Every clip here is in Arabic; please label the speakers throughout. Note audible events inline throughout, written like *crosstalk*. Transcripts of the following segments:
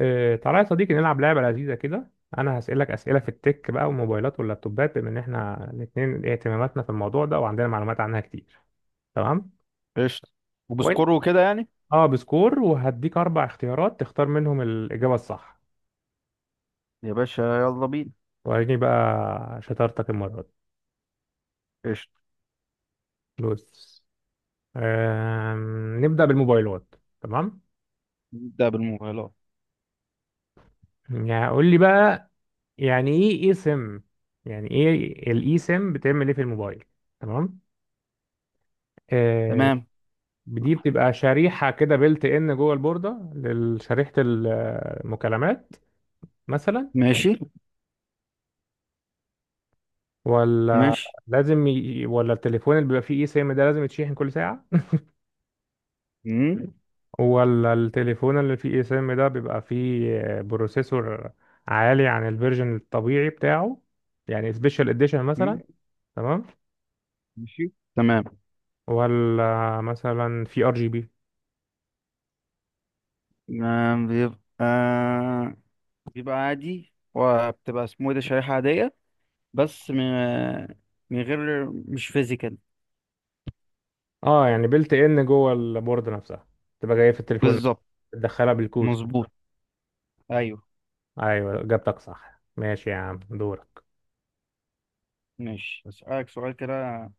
Speaker 1: تعالى يا صديقي نلعب لعبة لذيذة كده. أنا هسألك أسئلة في التك بقى والموبايلات واللابتوبات بما إن إحنا الاتنين اهتماماتنا في الموضوع ده وعندنا معلومات عنها كتير. تمام؟
Speaker 2: قشطة. وبسكور
Speaker 1: وأنت؟
Speaker 2: وكده يعني.
Speaker 1: أه، بسكور، وهديك أربع اختيارات تختار منهم الإجابة الصح.
Speaker 2: يا باشا، يلا بينا.
Speaker 1: وريني بقى شطارتك المرة دي.
Speaker 2: قشطة.
Speaker 1: بص. نبدأ بالموبايلات. تمام؟
Speaker 2: نبدأ بالموبايلات.
Speaker 1: يعني قول لي بقى، يعني إيه إيه سم؟ يعني إيه الإي سم، بتعمل إيه في الموبايل؟ تمام؟ آه،
Speaker 2: تمام.
Speaker 1: دي بتبقى شريحة كده بيلت ان جوه البوردة لشريحة المكالمات مثلا.
Speaker 2: ماشي،
Speaker 1: ولا
Speaker 2: ماشي.
Speaker 1: ولا التليفون اللي بيبقى فيه اي سيم ده لازم يتشحن كل ساعة.
Speaker 2: مم.
Speaker 1: ولا التليفون اللي فيه اي سيم ده بيبقى فيه بروسيسور عالي عن الفيرجن الطبيعي بتاعه، يعني سبيشال اديشن مثلا.
Speaker 2: مم،
Speaker 1: تمام.
Speaker 2: ماشي تمام.
Speaker 1: ولا مثلا في ار جي بي.
Speaker 2: آه، بيبقى عادي وبتبقى اسمه ايه ده شريحة عادية. بس من غير مش فيزيكال.
Speaker 1: اه يعني بيلت ان جوه البوردة نفسها، تبقى جاية في التليفون
Speaker 2: بالظبط.
Speaker 1: تدخلها بالكود.
Speaker 2: مظبوط. ايوه.
Speaker 1: ايوه، اجابتك صح. ماشي يا عم، دورك.
Speaker 2: ماشي. اسألك سؤال كده.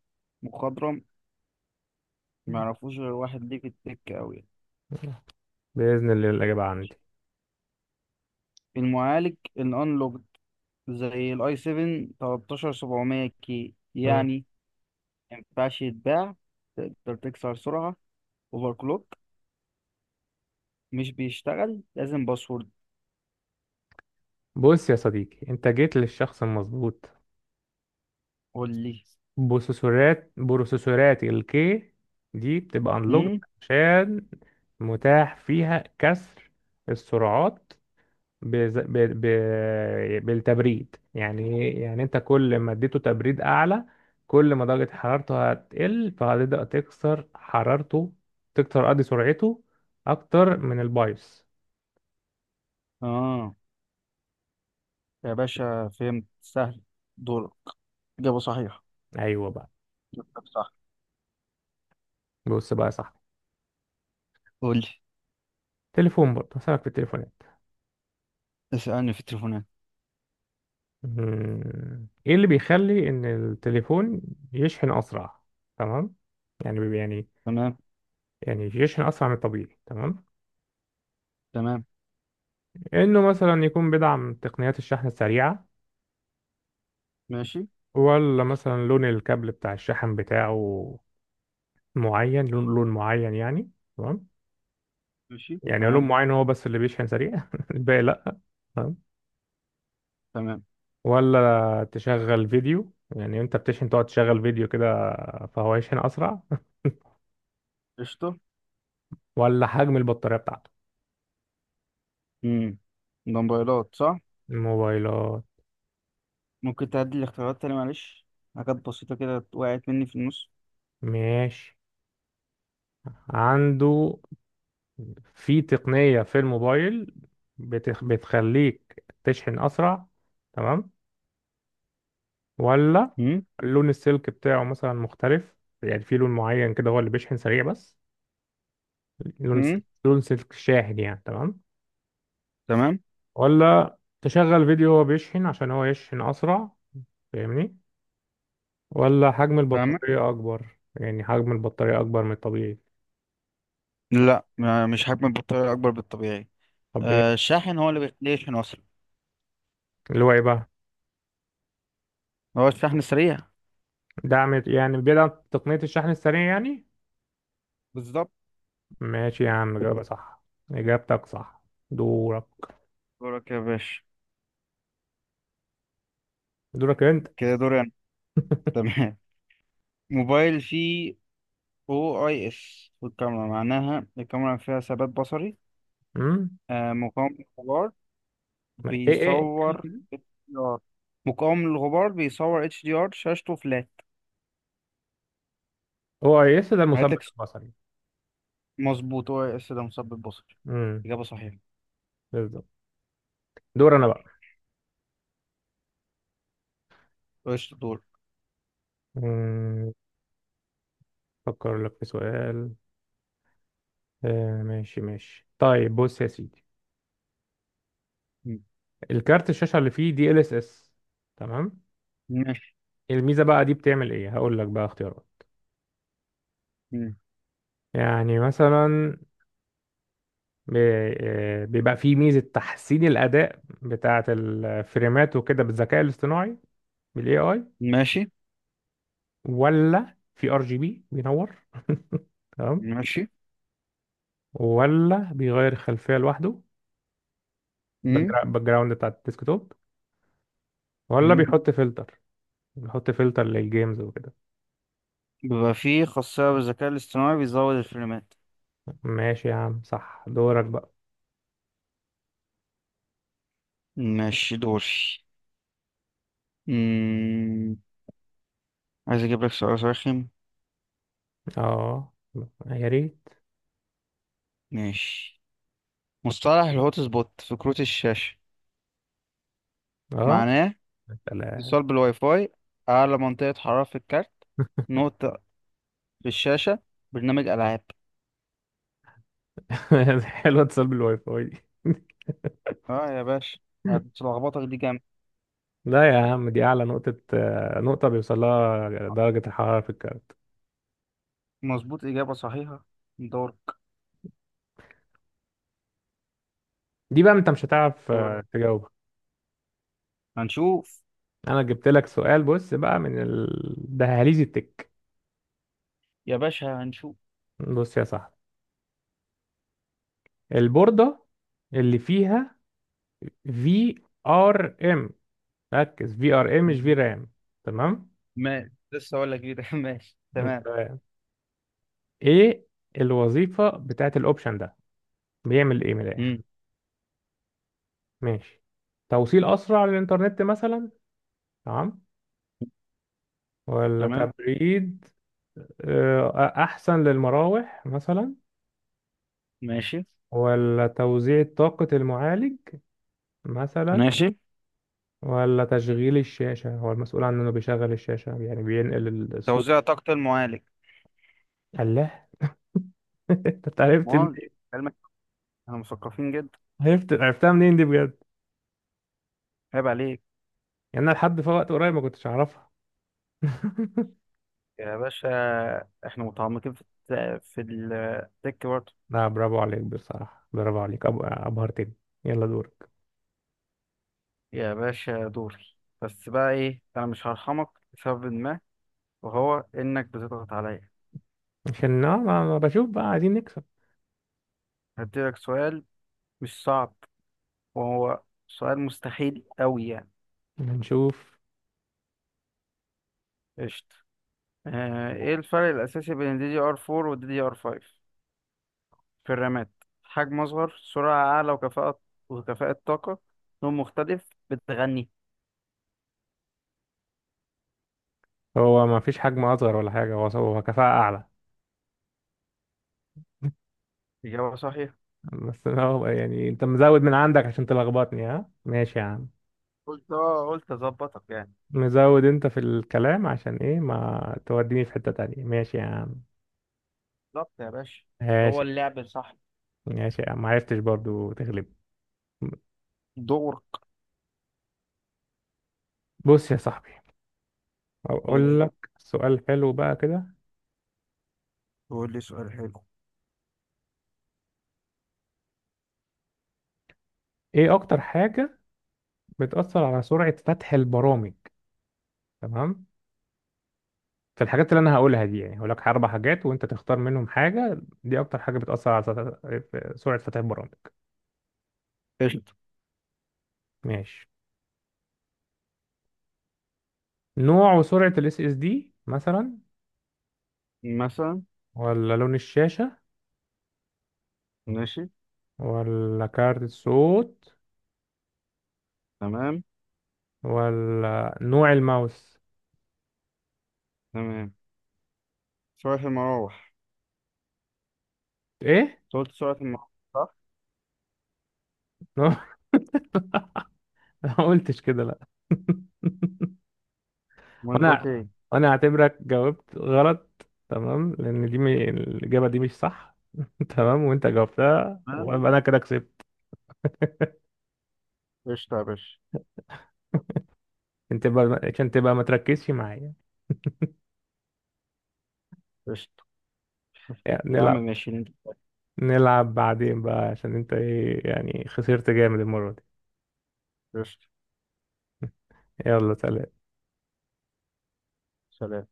Speaker 2: مخضرم ما يعرفوش غير واحد ليه في التك قوي.
Speaker 1: بإذن الله الإجابة عندي.
Speaker 2: المعالج الانلوج زي الاي 7 13700 كي
Speaker 1: مم.
Speaker 2: يعني. ما ينفعش يتباع، تقدر تكسر سرعة، اوفر كلوك، مش بيشتغل لازم باسورد.
Speaker 1: بص يا صديقي، أنت جيت للشخص المظبوط.
Speaker 2: قول لي.
Speaker 1: بروسيسورات الكي دي بتبقى
Speaker 2: امم
Speaker 1: unlocked عشان متاح فيها كسر السرعات بز... ب... ب... بالتبريد. يعني إيه؟ يعني أنت كل ما اديته تبريد أعلى، كل ما درجة حرارته هتقل، فهتبدأ تكسر حرارته، تكسر قصدي سرعته، أكتر من البايوس.
Speaker 2: اه يا باشا، فهمت سهل. دورك. إجابة صحيحة.
Speaker 1: أيوه بقى.
Speaker 2: جبتك صح.
Speaker 1: بص بقى يا صاحبي،
Speaker 2: قول لي.
Speaker 1: تليفون برضه هسألك في التليفونات.
Speaker 2: اسألني في التليفونات.
Speaker 1: مم. ايه اللي بيخلي ان التليفون يشحن اسرع؟ تمام. يعني بي- يعني
Speaker 2: تمام.
Speaker 1: يعني يشحن اسرع من الطبيعي. تمام.
Speaker 2: تمام،
Speaker 1: انه مثلا يكون بيدعم تقنيات الشحن السريعة،
Speaker 2: ماشي،
Speaker 1: ولا مثلا لون الكابل بتاع الشحن بتاعه معين، لون معين يعني. تمام.
Speaker 2: ماشي
Speaker 1: يعني لون
Speaker 2: تمام.
Speaker 1: معين هو بس اللي بيشحن سريع *laughs* الباقي لا. تمام.
Speaker 2: تمام.
Speaker 1: ولا تشغل فيديو، يعني انت بتشحن تقعد تشغل فيديو كده فهو يشحن اسرع.
Speaker 2: قشطة.
Speaker 1: ولا حجم البطارية بتاعته.
Speaker 2: امم ده موبايلات صح؟
Speaker 1: موبايلات.
Speaker 2: ممكن تعدي الاختيارات تاني معلش؟ حاجات بسيطة كده وقعت مني في النص.
Speaker 1: ماشي. عنده في تقنية في الموبايل بتخليك تشحن أسرع. تمام. ولا
Speaker 2: امم
Speaker 1: لون السلك بتاعه مثلا مختلف، يعني في لون معين كده هو اللي بيشحن سريع بس. لون س...
Speaker 2: امم
Speaker 1: لون سلك شاحن يعني. تمام.
Speaker 2: تمام.
Speaker 1: ولا تشغل فيديو وهو بيشحن عشان هو يشحن أسرع، فاهمني؟ ولا حجم
Speaker 2: فاهمة؟
Speaker 1: البطارية أكبر، يعني حجم البطارية أكبر من الطبيعي.
Speaker 2: لا، مش هكمل بالطريقة أكبر بالطبيعي.
Speaker 1: طب إيه؟
Speaker 2: آه، الشاحن هو اللي بيخليه يشحن أصلا.
Speaker 1: اللي هو إيه بقى؟
Speaker 2: هو الشحن السريع.
Speaker 1: دعم يعني، بيدعم تقنية الشحن السريع يعني.
Speaker 2: بالظبط.
Speaker 1: ماشي يا عم، إجابة صح، إجابتك صح. دورك.
Speaker 2: دورك يا باشا.
Speaker 1: دورك أنت.
Speaker 2: كده دوري أنا. *laughs* تمام. موبايل فيه أو أي إس، والكاميرا معناها الكاميرا فيها ثبات بصري.
Speaker 1: أمم.
Speaker 2: آه، مقاوم للغبار،
Speaker 1: إيه تاني
Speaker 2: بيصور
Speaker 1: كده؟
Speaker 2: HDR، مقاوم للغبار، بيصور اتش دي ار، شاشته فلات.
Speaker 1: هو يس ده
Speaker 2: هعيد
Speaker 1: المثبت
Speaker 2: لك.
Speaker 1: البصري.
Speaker 2: مظبوط، أو أي إس ده مثبت بصري.
Speaker 1: أمم.
Speaker 2: إجابة صحيحة.
Speaker 1: بالظبط. دور أنا بقى.
Speaker 2: قشطة. دور.
Speaker 1: أمم أفكر لك في سؤال. ماشي ماشي، طيب بص يا سيدي، الكارت الشاشة اللي فيه دي ال اس اس. تمام.
Speaker 2: ماشي.
Speaker 1: الميزة بقى دي بتعمل إيه؟ هقول لك بقى اختيارات.
Speaker 2: مم.
Speaker 1: يعني مثلا بيبقى فيه ميزة تحسين الأداء بتاعة الفريمات وكده بالذكاء الاصطناعي، بالاي اي.
Speaker 2: ماشي،
Speaker 1: ولا في ار جي بي بينور *laughs* تمام.
Speaker 2: ماشي.
Speaker 1: ولا بيغير الخلفية لوحده، باك جراوند بتاع الديسك توب. ولا
Speaker 2: مم.
Speaker 1: بيحط فلتر للجيمز وكده.
Speaker 2: بيبقى فيه خاصية بالذكاء الاصطناعي بيزود الفريمات.
Speaker 1: ماشي يا عم، صح. دورك بقى.
Speaker 2: ماشي. دوري. مم. عايز اجيب لك سؤال رخم.
Speaker 1: اه، يا ريت.
Speaker 2: ماشي. مصطلح الهوت سبوت في كروت الشاشة
Speaker 1: اه،
Speaker 2: معناه:
Speaker 1: سلام.
Speaker 2: اتصال بالواي فاي، أعلى منطقة حرارة في الكارت، نقطة في الشاشة، برنامج ألعاب.
Speaker 1: *laughs* حلوة اتصال بالواي فاي دي.
Speaker 2: اه يا باشا، هتلخبطك دي جامد.
Speaker 1: لا يا عم، دي أعلى نقطة بيوصل لها درجة الحرارة في الكهرباء.
Speaker 2: مظبوط، إجابة صحيحة. دورك.
Speaker 1: دي بقى انت مش هتعرف
Speaker 2: دورك،
Speaker 1: تجاوبها.
Speaker 2: هنشوف.
Speaker 1: انا جبت لك سؤال، بص بقى من الدهاليز التك.
Speaker 2: يا باشا، هنشوف.
Speaker 1: بص يا صاحبي، البوردة اللي فيها في ار ام، ركز في ار ام مش في رام. تمام.
Speaker 2: ماشي، لسه أقول لك كده. *laughs* ماشي تمام.
Speaker 1: انت، ايه الوظيفة بتاعت الاوبشن ده، بيعمل ايه من الاخر؟
Speaker 2: مم.
Speaker 1: ماشي. توصيل اسرع للانترنت مثلا. تمام. ولا
Speaker 2: تمام.
Speaker 1: تبريد آه، احسن للمراوح مثلا.
Speaker 2: ماشي،
Speaker 1: ولا توزيع طاقة المعالج مثلا.
Speaker 2: ماشي.
Speaker 1: ولا تشغيل الشاشة، هو المسؤول عن إنه بيشغل الشاشة يعني، بينقل الصوت.
Speaker 2: توزيع طاقة المعالج.
Speaker 1: الله *laughs* أنت عرفت
Speaker 2: مول
Speaker 1: منين؟
Speaker 2: علمك. احنا مثقفين جدا.
Speaker 1: عرفتها منين دي بجد؟
Speaker 2: عيب عليك.
Speaker 1: يعني أنا لحد في وقت قريب ما كنتش أعرفها *laughs*
Speaker 2: يا باشا، احنا متعمقين في في التك برضه.
Speaker 1: لا، برافو عليك بصراحة، برافو عليك، أبهرتني. يلا دورك.
Speaker 2: يا باشا دوري. بس بقى ايه، انا مش هرحمك لسبب ما، وهو انك بتضغط عليا.
Speaker 1: عشان أه، ما بشوف بقى، عايزين نكسب.
Speaker 2: هديلك سؤال مش صعب، وهو سؤال مستحيل قوي يعني.
Speaker 1: هنشوف.
Speaker 2: قشطة. آه، ايه الفرق الاساسي بين الدي دي ار 4 والدي دي ار 5 في الرامات؟ حجم أصغر، سرعة أعلى وكفاءة طاقة، لون مختلف، بتغني.
Speaker 1: هو ما فيش حجم أصغر ولا حاجة، هو هو كفاءة أعلى *laughs*
Speaker 2: إجابة صحيحة.
Speaker 1: بس أنا هو يعني أنت مزود من عندك عشان تلخبطني. ها، ماشي يا عم.
Speaker 2: قلت أظبطك يعني.
Speaker 1: مزود انت في الكلام، عشان ايه ما توديني في حتة تانية؟ ماشي يا عم.
Speaker 2: بالظبط يا باشا. هو
Speaker 1: ماشي.
Speaker 2: اللعب صح.
Speaker 1: ماشي يا عم، ما عرفتش برضو تغلب.
Speaker 2: دورك.
Speaker 1: بص يا صاحبي،
Speaker 2: قول،
Speaker 1: اقول لك سؤال حلو بقى كده.
Speaker 2: قول لي سؤال حلو.
Speaker 1: ايه اكتر حاجة بتأثر على سرعة فتح البرامج؟ تمام. في الحاجات اللي انا هقولها دي، يعني هقول لك اربع حاجات وانت تختار منهم حاجة، دي اكتر حاجة بتأثر على سرعة فتح البرامج.
Speaker 2: قشطة.
Speaker 1: ماشي. نوع وسرعة الاس اس دي مثلا.
Speaker 2: مثلا.
Speaker 1: ولا لون الشاشة.
Speaker 2: ماشي.
Speaker 1: ولا كارت الصوت.
Speaker 2: تمام.
Speaker 1: ولا نوع الماوس.
Speaker 2: تمام. سرعة المراوح.
Speaker 1: ايه
Speaker 2: أنت قلت سرعة المراوح صح؟
Speaker 1: نوع *laughs* ما قلتش كده لا *laughs*
Speaker 2: وأنت قلت
Speaker 1: وانا
Speaker 2: إيه؟
Speaker 1: وانا اعتبرك جاوبت غلط. تمام، لان دي الاجابه دي مش صح *laughs* تمام، وانت جاوبتها
Speaker 2: تمام.
Speaker 1: ويبقى انا كده كسبت.
Speaker 2: قشطة يا باشا.
Speaker 1: انت بقى عشان تبقى ما تركزش معايا،
Speaker 2: قشطة.
Speaker 1: يعني
Speaker 2: يا عم ماشي.
Speaker 1: نلعب، بعدين بقى، عشان انت ايه يعني، خسرت جامد المره دي.
Speaker 2: قشطة.
Speaker 1: يلا سلام.
Speaker 2: سلام.